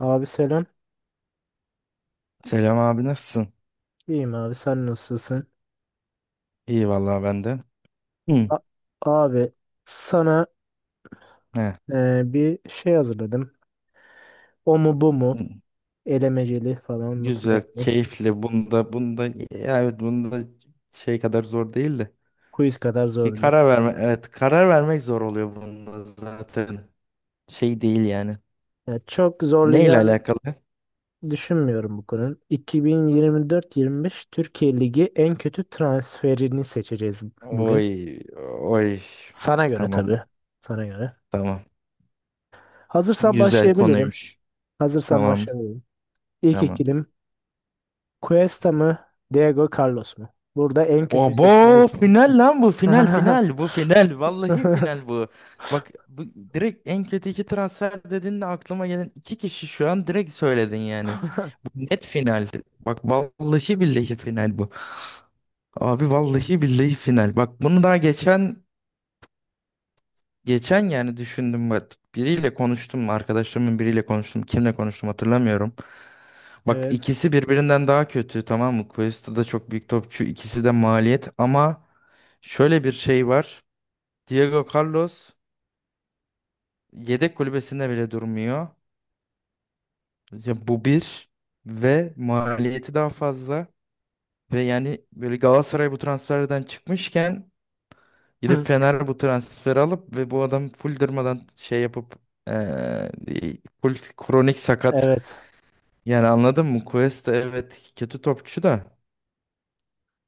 Abi selam. Selam abi, nasılsın? İyiyim abi sen nasılsın? İyi vallahi ben de. Hı. A- abi sana He. Bir şey hazırladım. O mu bu Hı. mu? Elemeceli falan mı Güzel, filan mı? keyifli. Bunda ya, evet bunda şey kadar zor değil de Quiz kadar ki, zor değil. karar verme, evet karar vermek zor oluyor bunda zaten. Şey değil yani. Yani çok Neyle zorlayacağını alakalı? düşünmüyorum bu konunun. 2024-25 Türkiye Ligi en kötü transferini seçeceğiz bugün. Oy oy. Sana göre tabii. Tamam. Sana göre. Tamam. Hazırsan Güzel başlayabilirim. konuymuş. Hazırsan Tamam. başlayabilirim. İlk Tamam. ikilim Cuesta mı? Diego Carlos mu? Burada en kötüyü seçmeye Obo, final lan bu, final, final bu final, vallahi final bu. Bak bu, direkt en kötü iki transfer dediğinde aklıma gelen iki kişi şu an, direkt söyledin yani. Bu net final. Bak vallahi billahi final bu. Abi vallahi billahi final. Bak bunu daha geçen yani düşündüm bak. Biriyle konuştum, arkadaşlarımın biriyle konuştum. Kimle konuştum hatırlamıyorum. Bak Evet. ikisi birbirinden daha kötü, tamam mı? Cuesta da çok büyük topçu, ikisi de maliyet ama şöyle bir şey var. Diego Carlos yedek kulübesinde bile durmuyor. Ya bu bir, ve maliyeti daha fazla, ve yani böyle Galatasaray bu transferden çıkmışken gidip Hı, Fener bu transferi alıp ve bu adam full durmadan şey yapıp, eee, full kronik sakat Evet. yani, anladın mı? Cuesta evet, kötü topçu da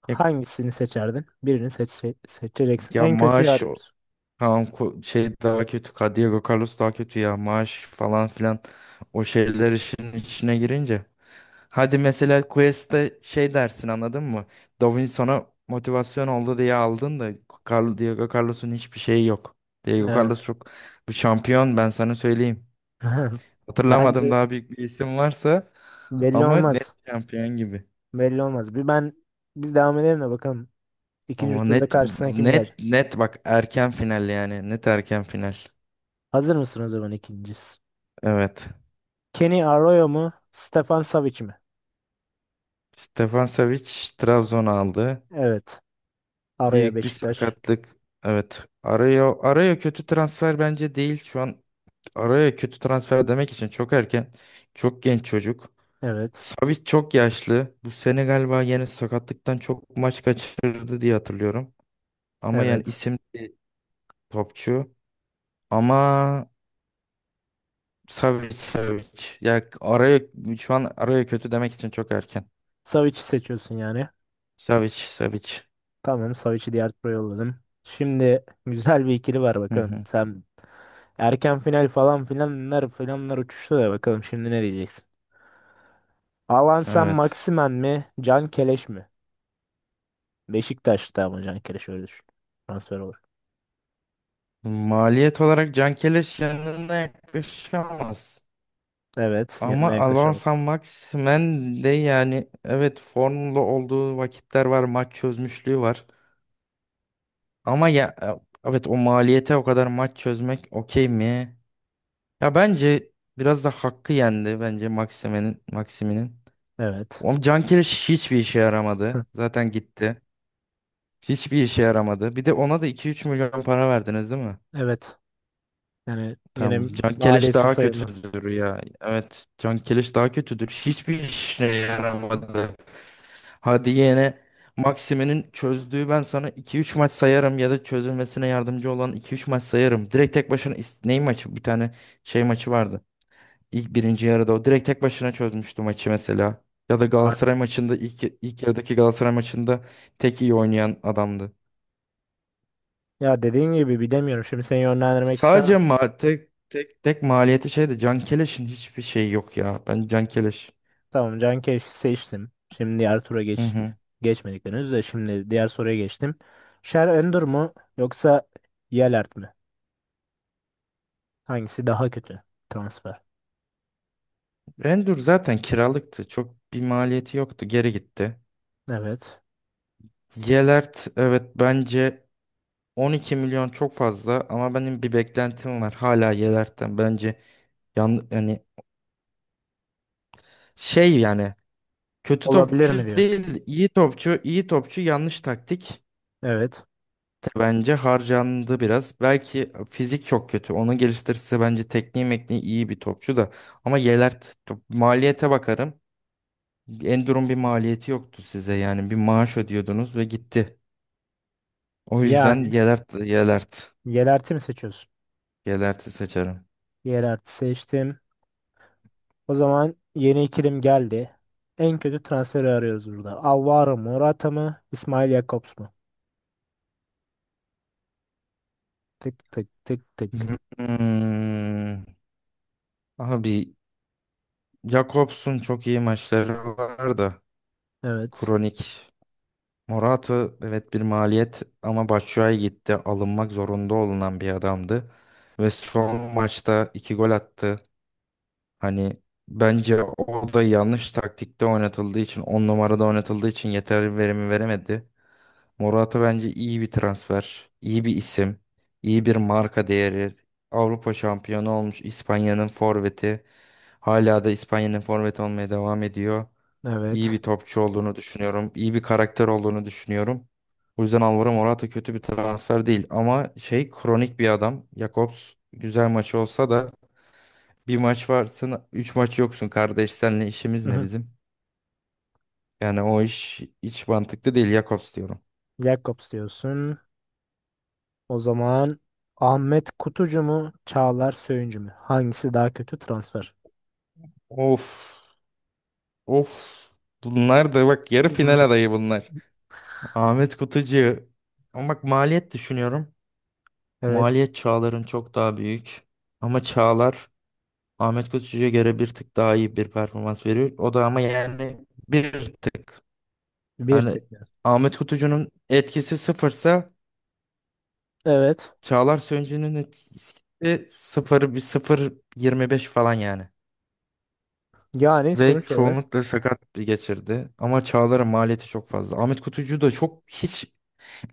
ya, Hangisini seçerdin? Birini seçeceksin. ya En kötüyü maaş. arıyoruz. Tamam, şey daha kötü. Diego Carlos daha kötü ya. Maaş falan filan. O şeyler işin içine girince. Hadi mesela Quest'te şey dersin, anladın mı? Davinson'a motivasyon oldu diye aldın da, Diego Carlos'un hiçbir şeyi yok. Diego Carlos Evet. çok bir şampiyon, ben sana söyleyeyim. Bence Hatırlamadım, daha büyük bir isim varsa, belli ama net olmaz. şampiyon gibi. Belli olmaz. Bir ben biz devam edelim de bakalım. İkinci Ama turda net, karşısına kim net, gelecek? net bak, erken final yani, net erken final. Hazır mısın o zaman ikincisi? Evet. Kenny Arroyo mu? Stefan Savic mi? Stefan Savic, Trabzon aldı. Evet. Arroyo Büyük bir Beşiktaş. sakatlık. Evet. Araya kötü transfer bence değil. Şu an araya kötü transfer demek için çok erken. Çok genç çocuk. Evet. Savic çok yaşlı. Bu sene galiba yine sakatlıktan çok maç kaçırdı diye hatırlıyorum. Ama yani Evet. isim, topçu. Ama Savic Savic. Ya araya, şu an araya kötü demek için çok erken. Savic'i seçiyorsun yani. Savic Savic. Tamam, Savic'i diğer tura yolladım. Şimdi güzel bir ikili var Hı bakalım. hı. Sen erken final falan filanlar filanlar uçuştu da bakalım şimdi ne diyeceksin. Alan sen Evet. Maximen mi? Can Keleş mi? Beşiktaş'ta ama Can Keleş öyle düşün. Transfer olur. Maliyet olarak Cankeleş yanına yaklaşamaz. Evet. Ama Yanına Alan yaklaşalım. San Maximen de, yani evet, formda olduğu vakitler var. Maç çözmüşlüğü var. Ama ya evet, o maliyete o kadar maç çözmek okey mi? Ya bence biraz da hakkı yendi bence Maximen'in, Maximin'in. Evet. O Cankeleş hiçbir işe yaramadı. Zaten gitti. Hiçbir işe yaramadı. Bir de ona da 2 3 milyon para verdiniz değil mi? Evet. Yani yine Tamam. Can Keleş maliyeti daha sayılmaz. kötüdür ya. Evet. Can Keleş daha kötüdür. Hiçbir işine yaramadı. Hadi yine, Maxime'nin çözdüğü ben sana iki üç maç sayarım, ya da çözülmesine yardımcı olan iki üç maç sayarım. Direkt tek başına ney maçı? Bir tane şey maçı vardı. İlk birinci yarıda o direkt tek başına çözmüştü maçı mesela. Ya da Ma- Galatasaray maçında ilk yarıdaki Galatasaray maçında tek iyi oynayan adamdı. Ya dediğim gibi bilemiyorum. Şimdi seni yönlendirmek istemem. Sadece ma tek tek tek maliyeti şeydi. Can Keleş'in hiçbir şeyi yok ya. Ben Can Keleş. Tamam, Can Keleş'i seçtim. Şimdi diğer tura Hı geç hı. geçmedik henüz de şimdi diğer soruya geçtim. Şer Öndür mü yoksa Yelert mi? Hangisi daha kötü transfer? Endür zaten kiralıktı. Çok bir maliyeti yoktu. Geri gitti. Evet. Yelert, evet, bence 12 milyon çok fazla ama benim bir beklentim var hala Yelert'ten. Bence yani şey yani, kötü Olabilir mi topçu diyor. değil, iyi topçu, iyi topçu, yanlış taktik, Evet. bence harcandı biraz. Belki fizik çok kötü, onu geliştirirse bence tekniği mekniği iyi bir topçu da, ama Yelert, maliyete bakarım. Enduro'nun bir maliyeti yoktu size, yani bir maaş ödüyordunuz ve gitti. O yüzden Yani Yelert, yerelti mi seçiyorsun? Yelert'i seçerim. Yerelti seçtim. O zaman yeni ikilim geldi. En kötü transferi arıyoruz burada. Alvaro Morata mı? İsmail Jakobs mu? Tık tık tık tık. Hmm. Abi, Jakobs'un çok iyi maçları vardı. Evet. Kronik. Morata, evet bir maliyet, ama Batshuayi gitti. Alınmak zorunda olunan bir adamdı. Ve son maçta 2 gol attı. Hani bence orada yanlış taktikte oynatıldığı için, 10 numarada oynatıldığı için yeterli verimi veremedi. Morata bence iyi bir transfer, iyi bir isim, iyi bir marka değeri. Avrupa şampiyonu olmuş İspanya'nın forveti. Hala da İspanya'nın forveti olmaya devam ediyor. İyi Evet. bir topçu olduğunu düşünüyorum, iyi bir karakter olduğunu düşünüyorum. O yüzden Alvaro Morata kötü bir transfer değil, ama şey, kronik bir adam. Jakobs, güzel maçı olsa da bir maç varsın, üç maç yoksun kardeş. Seninle işimiz Hı ne hı. bizim? Yani o iş hiç mantıklı değil, Jakobs diyorum. Jakobs diyorsun. O zaman Ahmet Kutucu mu? Çağlar Söyüncü mü? Hangisi daha kötü transfer? Of. Of. Bunlar da bak, yarı Hı hı. final adayı bunlar. Ahmet Kutucu. Ama bak, maliyet düşünüyorum. Evet. Maliyet Çağlar'ın çok daha büyük. Ama Çağlar Ahmet Kutucu'ya göre bir tık daha iyi bir performans veriyor. O da ama yani bir tık. Bir Hani tekrar. Ahmet Kutucu'nun etkisi sıfırsa Evet. Çağlar Söncü'nün etkisi sıfır bir sıfır 25 falan yani. Yani Ve sonuç olarak çoğunlukla sakat bir geçirdi. Ama Çağlar'ın maliyeti çok fazla. Ahmet Kutucu da çok hiç.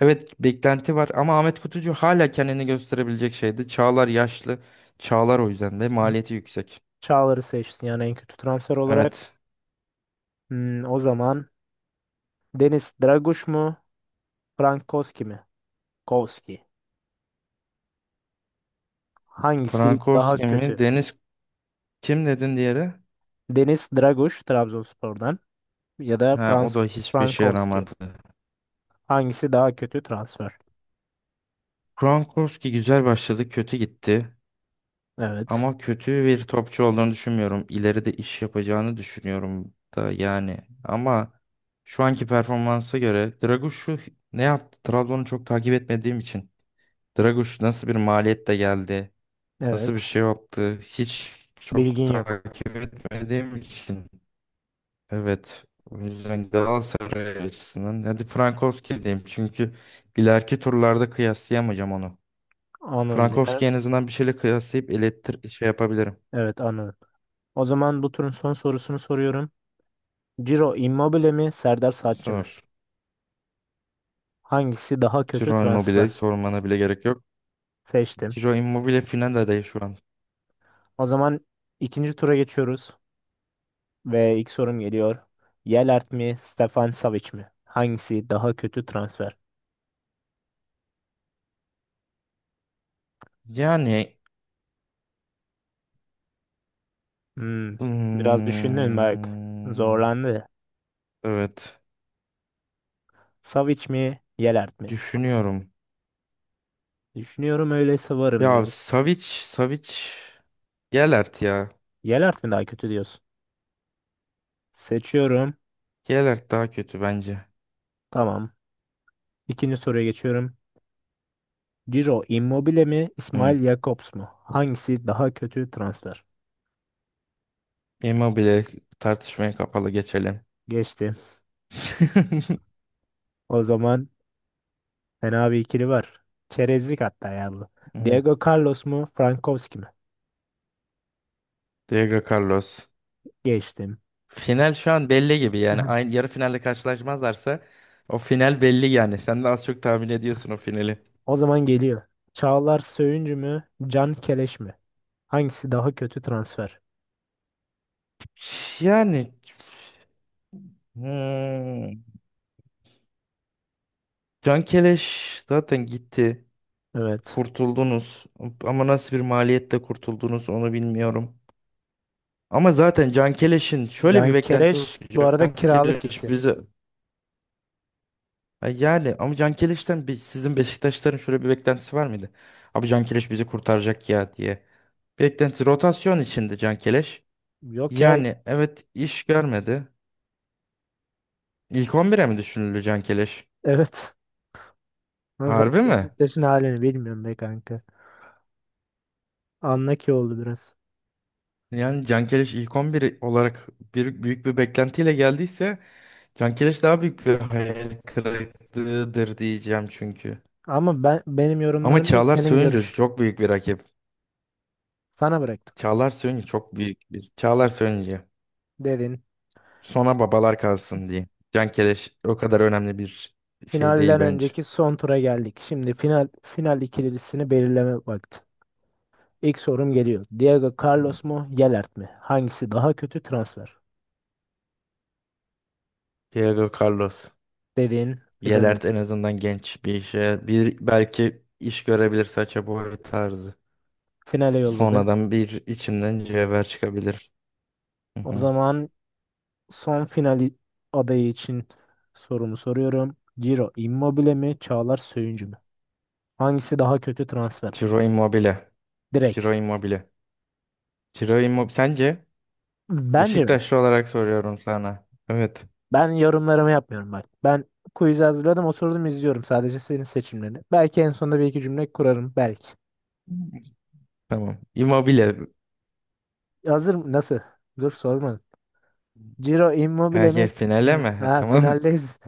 Evet beklenti var, ama Ahmet Kutucu hala kendini gösterebilecek şeydi. Çağlar yaşlı. Çağlar o yüzden de maliyeti yüksek. Çağlar'ı seçtin yani en kötü transfer olarak. Evet. Hmm, o zaman Deniz Draguş mu? Frank Koski mi? Koski. Hangisi daha Frankowski mi? kötü? Deniz, kim dedin diğeri? Deniz Draguş Trabzonspor'dan ya da Ha, o da hiçbir şey Frankowski. yaramadı. Hangisi daha kötü transfer? Frankowski güzel başladı, kötü gitti. Evet. Ama kötü bir topçu olduğunu düşünmüyorum. İleride iş yapacağını düşünüyorum da yani. Ama şu anki performansa göre Dragoş'u ne yaptı? Trabzon'u çok takip etmediğim için. Dragoş nasıl bir maliyetle geldi? Nasıl bir Evet. şey yaptı? Hiç çok Bilgin yok. takip etmediğim için. Evet. O yüzden Galatasaray açısından, hadi Frankowski diyeyim. Çünkü ileriki turlarda kıyaslayamayacağım onu. Anın bir yer. Frankowski en azından bir şeyle kıyaslayıp ilettir şey yapabilirim. Evet anın. O zaman bu turun son sorusunu soruyorum. Ciro Immobile mi? Serdar Saatçi Sor. mi? Hangisi daha kötü Ciro transfer? Immobile'yi sormana bile gerek yok. Seçtim. Ciro Immobile final adayı şu an. O zaman ikinci tura geçiyoruz. Ve ilk sorum geliyor. Yelert mi, Stefan Savic mi? Hangisi daha kötü transfer? Yani, Hmm, biraz düşündün bak. hmm, Zorlandı. evet Savic mi, Yelert mi? düşünüyorum. Düşünüyorum öyleyse varım Ya diyor. Savic Savic, Gelert ya. Yelert mi daha kötü diyorsun? Seçiyorum. Geralt daha kötü bence. Tamam. İkinci soruya geçiyorum. Ciro Immobile mi, Hı. İsmail Jakobs mu? Hangisi daha kötü transfer? Immobile, tartışmaya kapalı, geçelim. Geçti. O zaman fena bir ikili var. Çerezlik hatta ya bu. Hı. Diego Carlos mu, Frankowski mi? Diego Carlos. Geçtim. Final şu an belli gibi yani, aynı yarı finalde karşılaşmazlarsa o final belli yani. Sen de az çok tahmin ediyorsun o finali. O zaman geliyor. Çağlar Söyüncü mü? Can Keleş mi? Hangisi daha kötü transfer? Yani, hmm, Can Keleş zaten gitti. Evet. Kurtuldunuz. Ama nasıl bir maliyetle kurtuldunuz onu bilmiyorum. Ama zaten Can Keleş'in şöyle bir Can beklenti Keleş yoktu. bu arada Can kiralık Keleş gitti. bize. Ha, yani ama Can Keliş'ten bir, sizin Beşiktaşların şöyle bir beklentisi var mıydı? Abi, Can Keleş bizi kurtaracak ya diye. Beklenti rotasyon içinde Can Keleş. Yok ya. Yani evet, iş görmedi. İlk 11'e mi düşünüldü Can Keleş? Evet. Ama zaten Harbi mi? Beşiktaş'ın halini bilmiyorum be kanka. Anla ki oldu biraz. Yani Can Keleş ilk on biri olarak bir, büyük bir beklentiyle geldiyse Can Keleş daha büyük bir hayal kırıklığıdır diyeceğim çünkü. Ama benim Ama yorumlarım değil Çağlar senin Söyüncü görüş. çok büyük bir rakip. Sana bıraktım. Çağlar Söyüncü çok büyük bir. Çağlar Söyüncü. Dedin. Sona babalar kalsın diyeyim. Can Keleş o kadar önemli bir şey değil Finalden bence. önceki son tura geldik. Şimdi final final ikilisini belirleme vakti. İlk sorum geliyor. Diego Hmm. Carlos mu, Yelert mi? Hangisi daha kötü transfer? Diego Carlos. Dedin filan. Yelert en azından genç bir işe. Bir, belki iş görebilir, saça boy tarzı. Finale yolladın. Sonradan bir içinden cevher çıkabilir. Hı O hı. zaman son final adayı için sorumu soruyorum. Ciro Immobile mi, Çağlar Söyüncü mü? Hangisi daha kötü transfer? Ciro Immobile. Direkt. Ciro Immobile. Ciro Immobile. Sence? Bence mi? Beşiktaşlı olarak soruyorum sana. Evet. Ben yorumlarımı yapmıyorum bak. Ben quiz hazırladım, oturdum izliyorum sadece senin seçimlerini. Belki en sonunda bir iki cümle kurarım belki. Tamam. Immobile. Hazır mı? Nasıl? Dur sormadım. Ciro Ha, Immobile mi? gel finale mi? Ha, Ha, ha, tamam. finaldeyiz.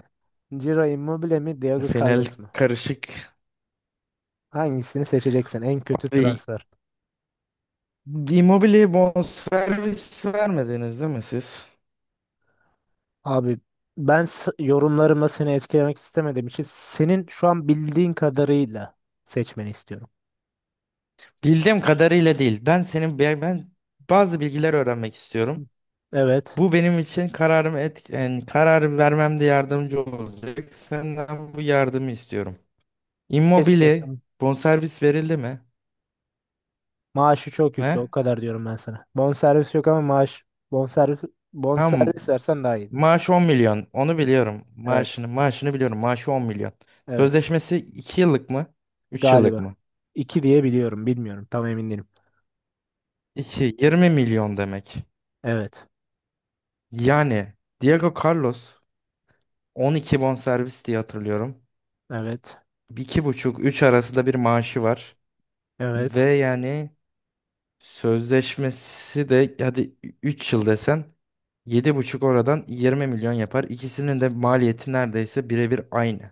Ciro Immobile mi, Diego Final Carlos mu? karışık. Hangisini seçeceksin? En kötü transfer. Immobile'ye bonservis vermediniz değil mi siz? Abi yorumlarımla seni etkilemek istemediğim için senin şu an bildiğin kadarıyla seçmeni istiyorum. Bildiğim kadarıyla değil. Ben senin ben ben bazı bilgiler öğrenmek istiyorum. Hı. Evet. Bu benim için kararımı yani karar vermemde yardımcı olacak. Senden bu yardımı istiyorum. Ne Immobile istiyorsun? bonservis verildi mi? Maaşı çok yüklü o Ne? kadar diyorum ben sana. Bonservis yok ama maaş bonservis Tam bonservis versen daha iyi. maaş 10 milyon. Onu biliyorum. Evet. Maaşını biliyorum. Maaşı 10 milyon. Evet. Sözleşmesi 2 yıllık mı? 3 yıllık Galiba. mı? İki diye biliyorum. Bilmiyorum. Tam emin değilim. 2, 20 milyon demek. Evet. Yani Diego Carlos 12 bonservis diye hatırlıyorum. Evet. İki buçuk üç arasında bir maaşı var. Ve Evet. yani sözleşmesi de hadi 3 yıl desen, yedi buçuk, oradan 20 milyon yapar. İkisinin de maliyeti neredeyse birebir aynı.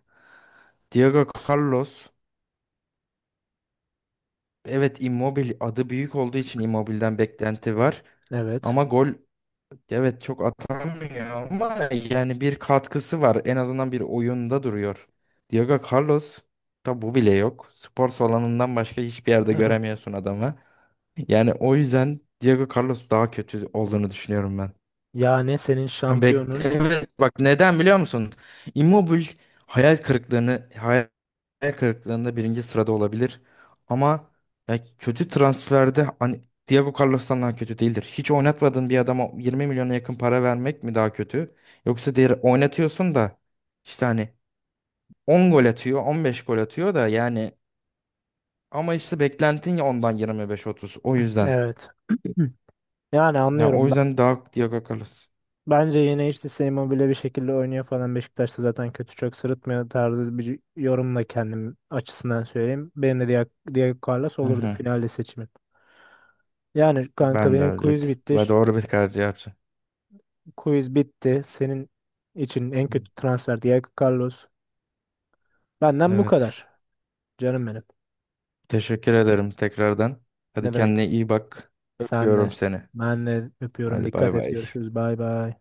Diego Carlos, evet Immobile adı büyük olduğu için Immobile'den beklenti var. Evet. Ama gol, evet çok atamıyor, ama yani bir katkısı var. En azından bir oyunda duruyor. Diego Carlos da bu bile yok. Spor salonundan başka hiçbir yerde göremiyorsun adamı. Yani o yüzden Diego Carlos daha kötü olduğunu düşünüyorum ben. Yani senin Bek şampiyonun. evet, bak neden biliyor musun? Immobile hayal kırıklığını, hayal kırıklığında birinci sırada olabilir. Ama ya kötü transferde, hani Diego Carlos'tan daha kötü değildir. Hiç oynatmadığın bir adama 20 milyona yakın para vermek mi daha kötü? Yoksa diğer oynatıyorsun da işte hani 10 gol atıyor, 15 gol atıyor da yani, ama işte beklentin ya ondan 25-30. O yüzden. Evet. Yani Ya o anlıyorum. yüzden daha Diego Carlos. Bence yine işte Immobile bir şekilde oynuyor falan. Beşiktaş'ta zaten kötü çok sırıtmıyor tarzı bir yorumla kendim açısından söyleyeyim. Benim de Diego Carlos Hı olurdu hı. finalde seçimin. Yani kanka Ben de benim öyle, quiz bitti. ve doğru bir karar yaptım. Quiz bitti. Senin için en kötü transfer Diego Carlos. Benden bu Evet. kadar. Canım benim. Teşekkür ederim tekrardan. Hadi, Ne demek? kendine iyi bak. Sen Öpüyorum de. seni. Ben de öpüyorum. Hadi Dikkat bay et. bay. Görüşürüz. Bay bay.